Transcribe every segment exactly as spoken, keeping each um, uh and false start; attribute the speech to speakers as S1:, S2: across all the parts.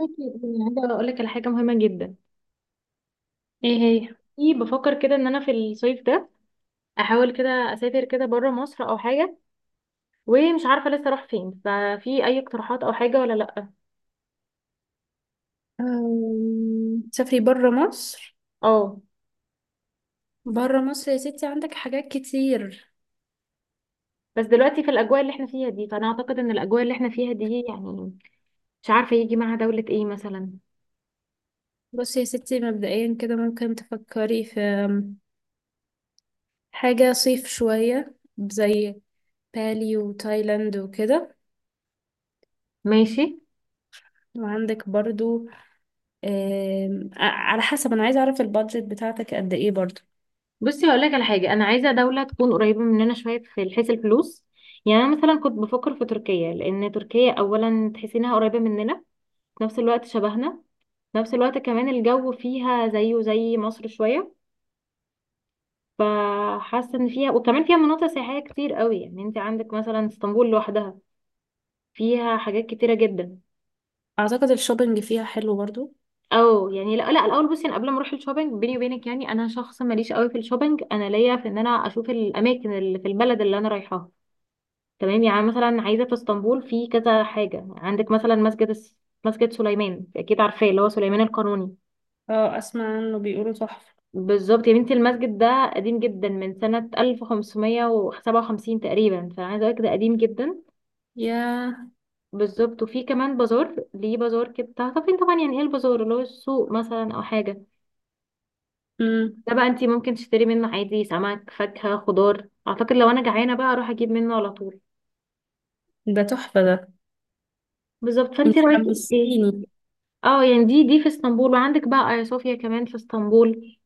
S1: أكيد، يعني عايزة أقول لك على حاجة مهمة جدا.
S2: ايه هي؟
S1: في بفكر كده إن أنا في الصيف ده أحاول كده أسافر كده بره مصر أو حاجة، ومش عارفة لسه أروح فين. ففي أي اقتراحات أو حاجة ولا لأ؟
S2: أم، تسافري برا مصر؟
S1: أه.
S2: برا مصر يا ستي عندك حاجات كتير.
S1: بس دلوقتي في الأجواء اللي إحنا فيها دي، فأنا أعتقد إن الأجواء اللي إحنا فيها دي يعني مش عارفة يجي معها دولة إيه مثلا.
S2: بصي يا ستي، مبدئيا كده ممكن تفكري في أم، حاجة صيف شوية زي بالي وتايلاند وكده.
S1: ماشي.
S2: وعندك برضو أم، ع- على حسب، أنا عايزة أعرف البادجت بتاعتك قد إيه برضو.
S1: بصي هقول لك على حاجة، أنا عايزة دولة تكون قريبة مننا شوية في حيث الفلوس. يعني أنا مثلا كنت بفكر في تركيا، لأن تركيا أولا تحسي إنها قريبة مننا، في نفس الوقت شبهنا، في نفس الوقت كمان الجو فيها زيه زي مصر شوية. فحاسة ان فيها، وكمان فيها مناطق سياحية كتير قوي. يعني انت عندك مثلا اسطنبول لوحدها فيها حاجات كتيرة جدا.
S2: أعتقد الشوبينج فيها حلو برضو.
S1: او يعني لا لا، الاول بصي انا قبل ما اروح الشوبينج، بيني وبينك يعني انا شخص ماليش قوي في الشوبينج، انا ليا في ان انا اشوف الاماكن اللي في البلد اللي انا رايحاها. تمام، يعني مثلا عايزة في اسطنبول في كذا حاجة، عندك مثلا مسجد الس- مسجد سليمان، اكيد عارفاه، اللي هو سليمان القانوني.
S2: اه أسمع عنه، بيقولوا تحفة.
S1: بالظبط يا بنتي، المسجد ده قديم جدا من سنة ألف وخمسمية سبعة وخمسين تقريبا، فأنا عايزة أقولك ده قديم جدا.
S2: يا.
S1: بالظبط. وفي كمان بازار، ليه بازار كده؟ تعرفين طبعا يعني، يعني ايه البازار؟ اللي هو السوق مثلا أو حاجة.
S2: مم.
S1: ده بقى انتي ممكن تشتري منه عادي سمك، فاكهة، خضار. أعتقد لو أنا جعانة بقى أروح أجيب منه على طول.
S2: ده تحفة ده.
S1: بالظبط،
S2: انت
S1: فانتي رأيك ايه؟
S2: حمستيني.
S1: اه يعني دي دي في اسطنبول، وعندك بقى آيا صوفيا كمان في اسطنبول.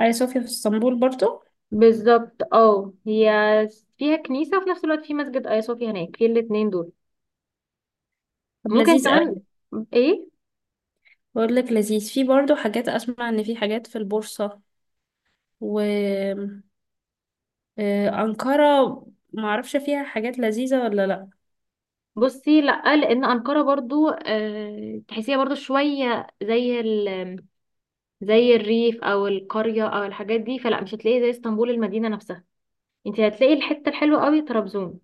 S2: أي صوفيا في اسطنبول برضو؟
S1: بالظبط، اه هي فيها كنيسة، وفي نفس الوقت في مسجد آيا صوفيا هناك، في الاتنين دول.
S2: طب
S1: ممكن
S2: لذيذ
S1: كمان
S2: أوي.
S1: ايه.
S2: بقول لك لذيذ، في برضو حاجات، اسمع ان في حاجات في البورصة و آه، أنقرة، معرفش فيها حاجات لذيذة ولا لا.
S1: بصي لا، لان انقره برضو آه تحسيها برضو شويه زي ال زي الريف او القريه او الحاجات دي، فلا مش هتلاقي زي اسطنبول المدينه نفسها. انت هتلاقي الحته الحلوه قوي طرابزون.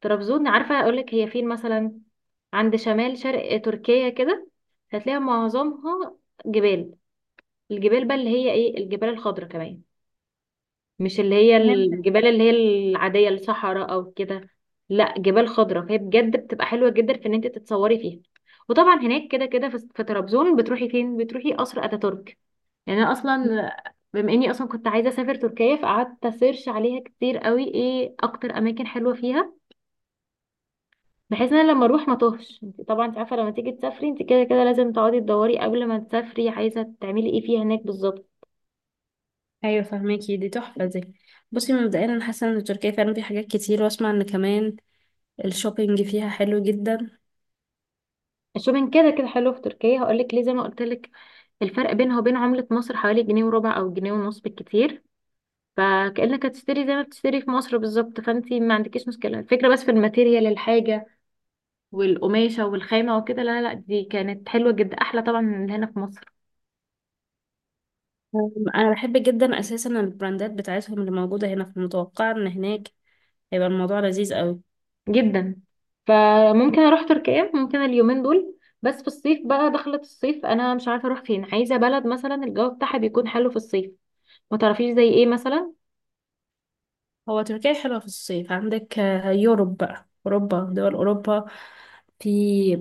S1: طرابزون عارفه اقول لك هي فين مثلا؟ عند شمال شرق تركيا كده. هتلاقي معظمها جبال، الجبال بقى اللي هي ايه، الجبال الخضراء كمان، مش اللي هي
S2: فهمتك.
S1: الجبال اللي هي العادية الصحراء او كده. لا، جبال خضراء. فهي بجد بتبقى حلوة جدا في ان انت تتصوري فيها. وطبعا هناك كده كده في في طرابزون بتروحي فين؟ بتروحي قصر اتاتورك. يعني انا اصلا، بما اني اصلا كنت عايزة اسافر تركيا، فقعدت اسيرش عليها كتير قوي ايه اكتر اماكن حلوة فيها، بحيث ان انا لما اروح ما توهش. انت طبعا انت عارفة لما تيجي تسافري انت كده كده لازم تقعدي تدوري قبل ما تسافري عايزة تعملي ايه فيها هناك بالظبط.
S2: ايوه فهماكي، دي تحفة دي. بصي مبدئيا انا حاسة ان تركيا فعلا فيها حاجات كتير، واسمع ان كمان الشوبينج فيها حلو جدا.
S1: الشوبينج كده كده حلو في تركيا، هقولك ليه. زي ما قلت لك، الفرق بينها وبين عملة مصر حوالي جنيه وربع أو جنيه ونص بالكتير. فكأنك هتشتري زي ما بتشتري في مصر بالظبط، فانتي ما عندكيش مشكلة. الفكرة بس في الماتيريال، الحاجة والقماشة والخامة وكده، لا لا دي كانت حلوة جدا، أحلى طبعا من اللي هنا في مصر.
S2: أم، انا بحب جدا اساسا البراندات بتاعتهم اللي موجودة هنا، فمتوقعة ان هناك هيبقى الموضوع لذيذ قوي.
S1: جدا. فممكن أروح تركيا ممكن اليومين دول. بس في الصيف بقى، دخلت الصيف أنا مش عارفة أروح فين، عايزة بلد مثلا الجو بتاعها بيكون حلو في الصيف. ما تعرفيش زي ايه مثلا؟
S2: هو تركيا حلوة في الصيف. عندك آه، يوروب بقى، اوروبا، دول اوروبا. في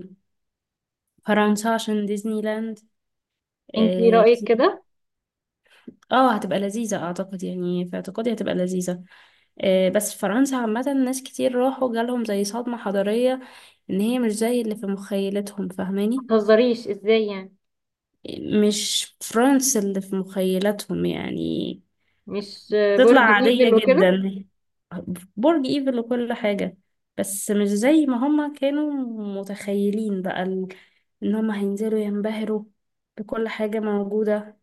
S2: فرنسا عشان ديزني لاند.
S1: انتي
S2: اه،
S1: رأيك كده؟
S2: آه، هتبقى لذيذة اعتقد، يعني في اعتقادي هتبقى لذيذة. آه، بس فرنسا عامة، ناس كتير راحوا جالهم زي صدمة حضارية إن هي مش زي اللي في مخيلتهم،
S1: ما
S2: فاهماني؟
S1: تهزريش، ازاي يعني؟
S2: مش فرنسا اللي في مخيلتهم يعني.
S1: مش
S2: هتطلع
S1: برج
S2: عادية
S1: ايفل وكده؟
S2: جدا. برج إيفل وكل حاجة، بس مش زي ما هما كانوا متخيلين بقى ال- إن هما هينزلوا ينبهروا بكل حاجة موجودة.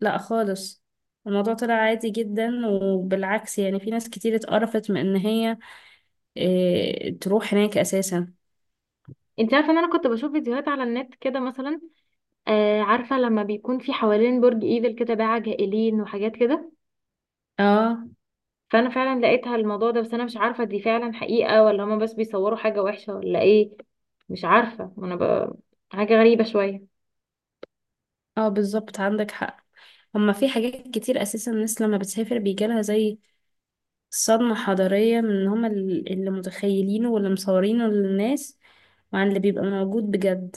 S2: لا خالص. الموضوع طلع عادي جدا، وبالعكس يعني في ناس كتير اتقرفت من ان هي إيه تروح هناك اساسا.
S1: انت عارفه ان انا كنت بشوف فيديوهات على النت كده مثلا، آه عارفه لما بيكون في حوالين برج ايفل كده باعة جائلين وحاجات كده.
S2: اه.
S1: فانا فعلا لقيتها الموضوع ده، بس انا مش عارفه دي فعلا حقيقه ولا هما بس بيصوروا حاجه وحشه ولا ايه. مش عارفه. وانا ب... حاجه غريبه شويه.
S2: اه بالظبط، عندك حق. هما في حاجات كتير اساسا، الناس لما بتسافر بيجالها زي صدمة حضارية من ان هما ال- اللي متخيلينه واللي مصورينه للناس، وعن اللي بيبقى موجود بجد،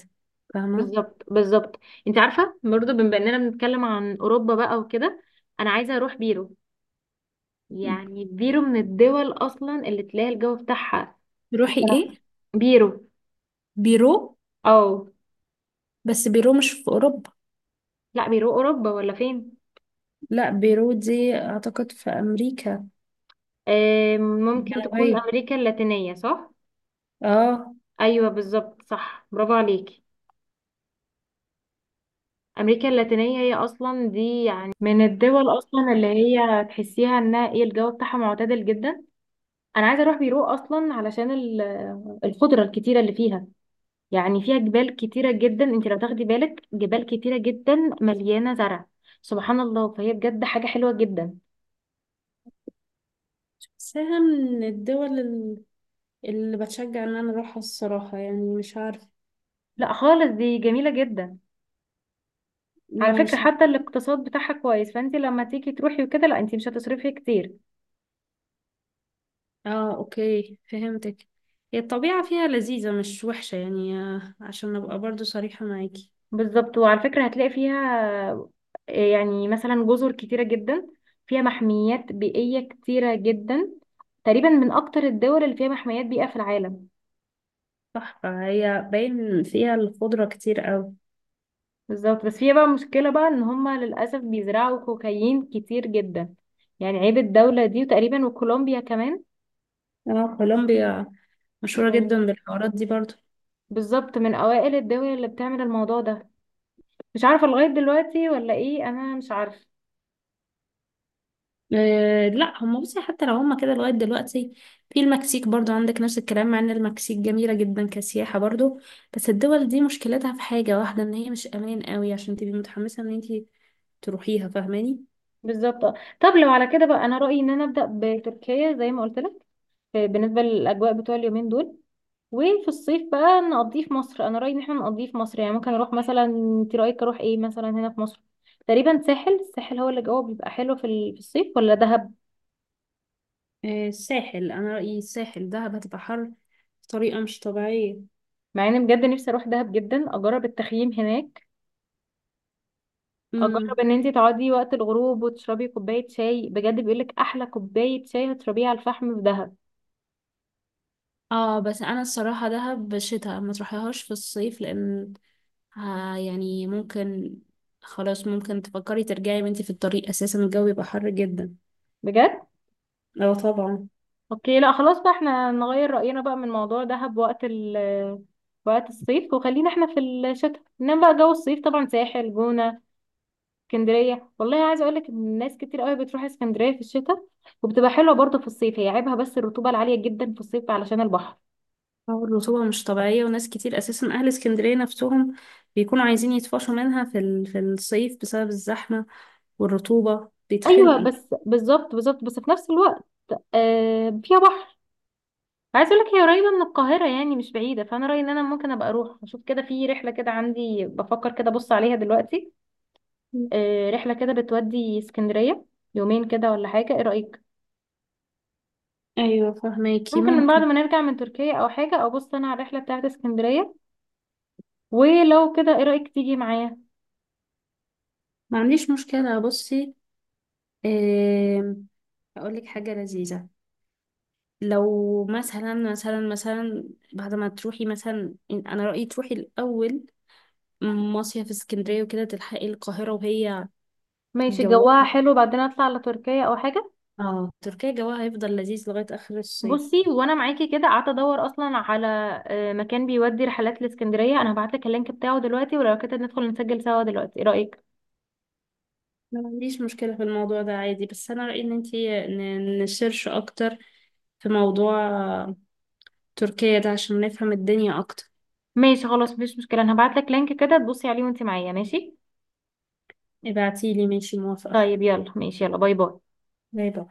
S2: فاهمة؟
S1: بالظبط بالظبط. انت عارفه برضه بما اننا بنتكلم عن اوروبا بقى وكده، انا عايزه اروح بيرو. يعني بيرو من الدول اصلا اللي تلاقي الجو بتاعها
S2: تروحي
S1: مثلا.
S2: ايه؟
S1: بيرو.
S2: بيرو؟
S1: اه.
S2: بس بيرو مش في اوروبا.
S1: لا بيرو اوروبا ولا فين؟
S2: لا بيرو دي اعتقد في امريكا
S1: آم، ممكن تكون
S2: جنوبية.
S1: أمريكا اللاتينية صح؟
S2: اه.
S1: أيوة بالظبط صح، برافو عليكي. أمريكا اللاتينية هي أصلا، دي يعني من الدول أصلا اللي هي تحسيها إنها إيه، الجو بتاعها معتدل جدا. أنا عايزة أروح بيرو أصلا علشان ال- الخضرة الكتيرة اللي فيها. يعني فيها جبال كتيرة جدا، أنت لو تاخدي بالك جبال كتيرة جدا مليانة زرع، سبحان الله. فهي بجد حاجة حلوة جدا.
S2: بحسها من الدول ال- اللي بتشجع ان انا اروحها الصراحة، يعني مش عارف.
S1: لا خالص دي جميلة جدا. على فكرة
S2: مش
S1: حتى
S2: عارف.
S1: الاقتصاد بتاعها كويس، فأنت لما تيجي تروحي وكده لا أنت مش هتصرفي كتير.
S2: اه اوكي فهمتك. هي الطبيعة فيها لذيذة مش وحشة يعني، آه، عشان ابقى برضو صريحة معاكي.
S1: بالظبط، وعلى فكرة هتلاقي فيها يعني مثلا جزر كتيرة جدا، فيها محميات بيئية كتيرة جدا، تقريبا من أكتر الدول اللي فيها محميات بيئة في العالم.
S2: صح، فهي باين فيها الخضرة كتير اوي.
S1: بالظبط، بس فيها بقى مشكلة بقى إن هما للأسف بيزرعوا كوكايين كتير جدا. يعني عيب الدولة دي، وتقريبا وكولومبيا كمان.
S2: اه كولومبيا مشهورة
S1: من-
S2: جدا بالحوارات دي برضو.
S1: بالظبط، من أوائل الدول اللي بتعمل الموضوع ده. مش عارفة لغاية دلوقتي ولا إيه، أنا مش عارفة.
S2: أه لا هم، بصي حتى لو هم كده لغاية دلوقتي، في المكسيك برضو عندك نفس الكلام، مع ان المكسيك جميلة جدا كسياحة برضو. بس الدول دي مشكلتها في حاجة واحدة، ان هي مش امان قوي عشان تبقي متحمسة ان انتي تروحيها، فاهماني؟
S1: بالظبط. طب لو على كده بقى، أنا رأيي إن أنا أبدأ بتركيا زي ما قلت لك، في- بالنسبة للأجواء بتوع اليومين دول. وفي الصيف بقى نقضيه في مصر، أنا رأيي إن احنا نقضيه في مصر. يعني ممكن أروح مثلا، أنت رأيك أروح إيه مثلا هنا في مصر؟ تقريبا ساحل، الساحل هو اللي جوه بيبقى حلو في ال- في الصيف، ولا دهب؟
S2: أه الساحل، انا رأيي الساحل. دهب هتبقى حر بطريقة مش طبيعية.
S1: مع إني بجد نفسي أروح دهب جدا أجرب التخييم هناك،
S2: امم
S1: أجرب إن أنت تقعدي وقت الغروب وتشربي كوباية شاي، بجد بيقولك أحلى كوباية شاي هتشربيها على الفحم في دهب.
S2: اه بس انا الصراحة دهب شتاء، ما تروحيهاش في الصيف لان آه يعني ممكن، خلاص ممكن تفكري ترجعي وانتي في الطريق، اساسا الجو بيبقى حر جدا.
S1: بجد.
S2: اه طبعا.
S1: اوكي لا خلاص بقى احنا نغير رأينا بقى من موضوع دهب وقت ال وقت الصيف، وخلينا احنا في الشتاء. انما بقى جو الصيف طبعا ساحل، جونة، اسكندرية. والله عايزة اقولك ان الناس كتير قوي بتروح اسكندرية في الشتاء، وبتبقى حلوة برضه في الصيف. هي عيبها بس الرطوبة العالية جدا في الصيف علشان البحر.
S2: اه الرطوبة مش طبيعية، وناس كتير أساسا أهل اسكندرية نفسهم بيكونوا عايزين يتفاشوا منها في ال- في الصيف بسبب الزحمة، والرطوبة
S1: ايوه
S2: بيتخنقوا.
S1: بس، بالظبط بالظبط. بس في نفس الوقت آه فيها بحر. عايزة اقولك هي قريبة من القاهرة يعني مش بعيدة، فانا رأيي ان انا ممكن ابقى اروح اشوف كده في رحلة كده. عندي بفكر كده، ابص عليها دلوقتي.
S2: مم.
S1: آه، رحلة كده بتودي اسكندرية، يومين كده ولا حاجة، ايه رأيك؟
S2: أيوة فهماكي
S1: ممكن من بعد
S2: ممكن.
S1: ما نرجع من تركيا او حاجة، ابص انا على الرحلة بتاعت اسكندرية. ولو كده ايه رأيك تيجي معايا؟
S2: ما عنديش مشكلة. بصي، أقول أقولك حاجة لذيذة. لو مثلا مثلا مثلا بعد ما تروحي مثلا، أنا رأيي تروحي الأول مصيف اسكندرية وكده تلحقي القاهرة وهي
S1: ماشي جواها
S2: جوها.
S1: حلو، بعدين اطلع على تركيا او حاجة.
S2: اه تركيا جوها هيفضل لذيذ لغاية آخر الصيف.
S1: بصي وانا معاكي، كده قعدت ادور اصلا على آه، مكان بيودي رحلات لاسكندرية. انا هبعتلك اللينك بتاعه دلوقتي، ولو كده ندخل نسجل سوا دلوقتي، ايه رأيك؟
S2: ما عنديش مشكلة في الموضوع ده عادي، بس أنا رأيي إن انتي ن- نسيرش أكتر في موضوع تركيا ده عشان نفهم الدنيا أكتر.
S1: ماشي خلاص مفيش مشكلة، انا هبعتلك لينك كده تبصي عليه وانت معايا ماشي.
S2: ابعتيلي، ماشي موافقة.
S1: طيب يلا ماشي، يلا باي باي.
S2: باي باي.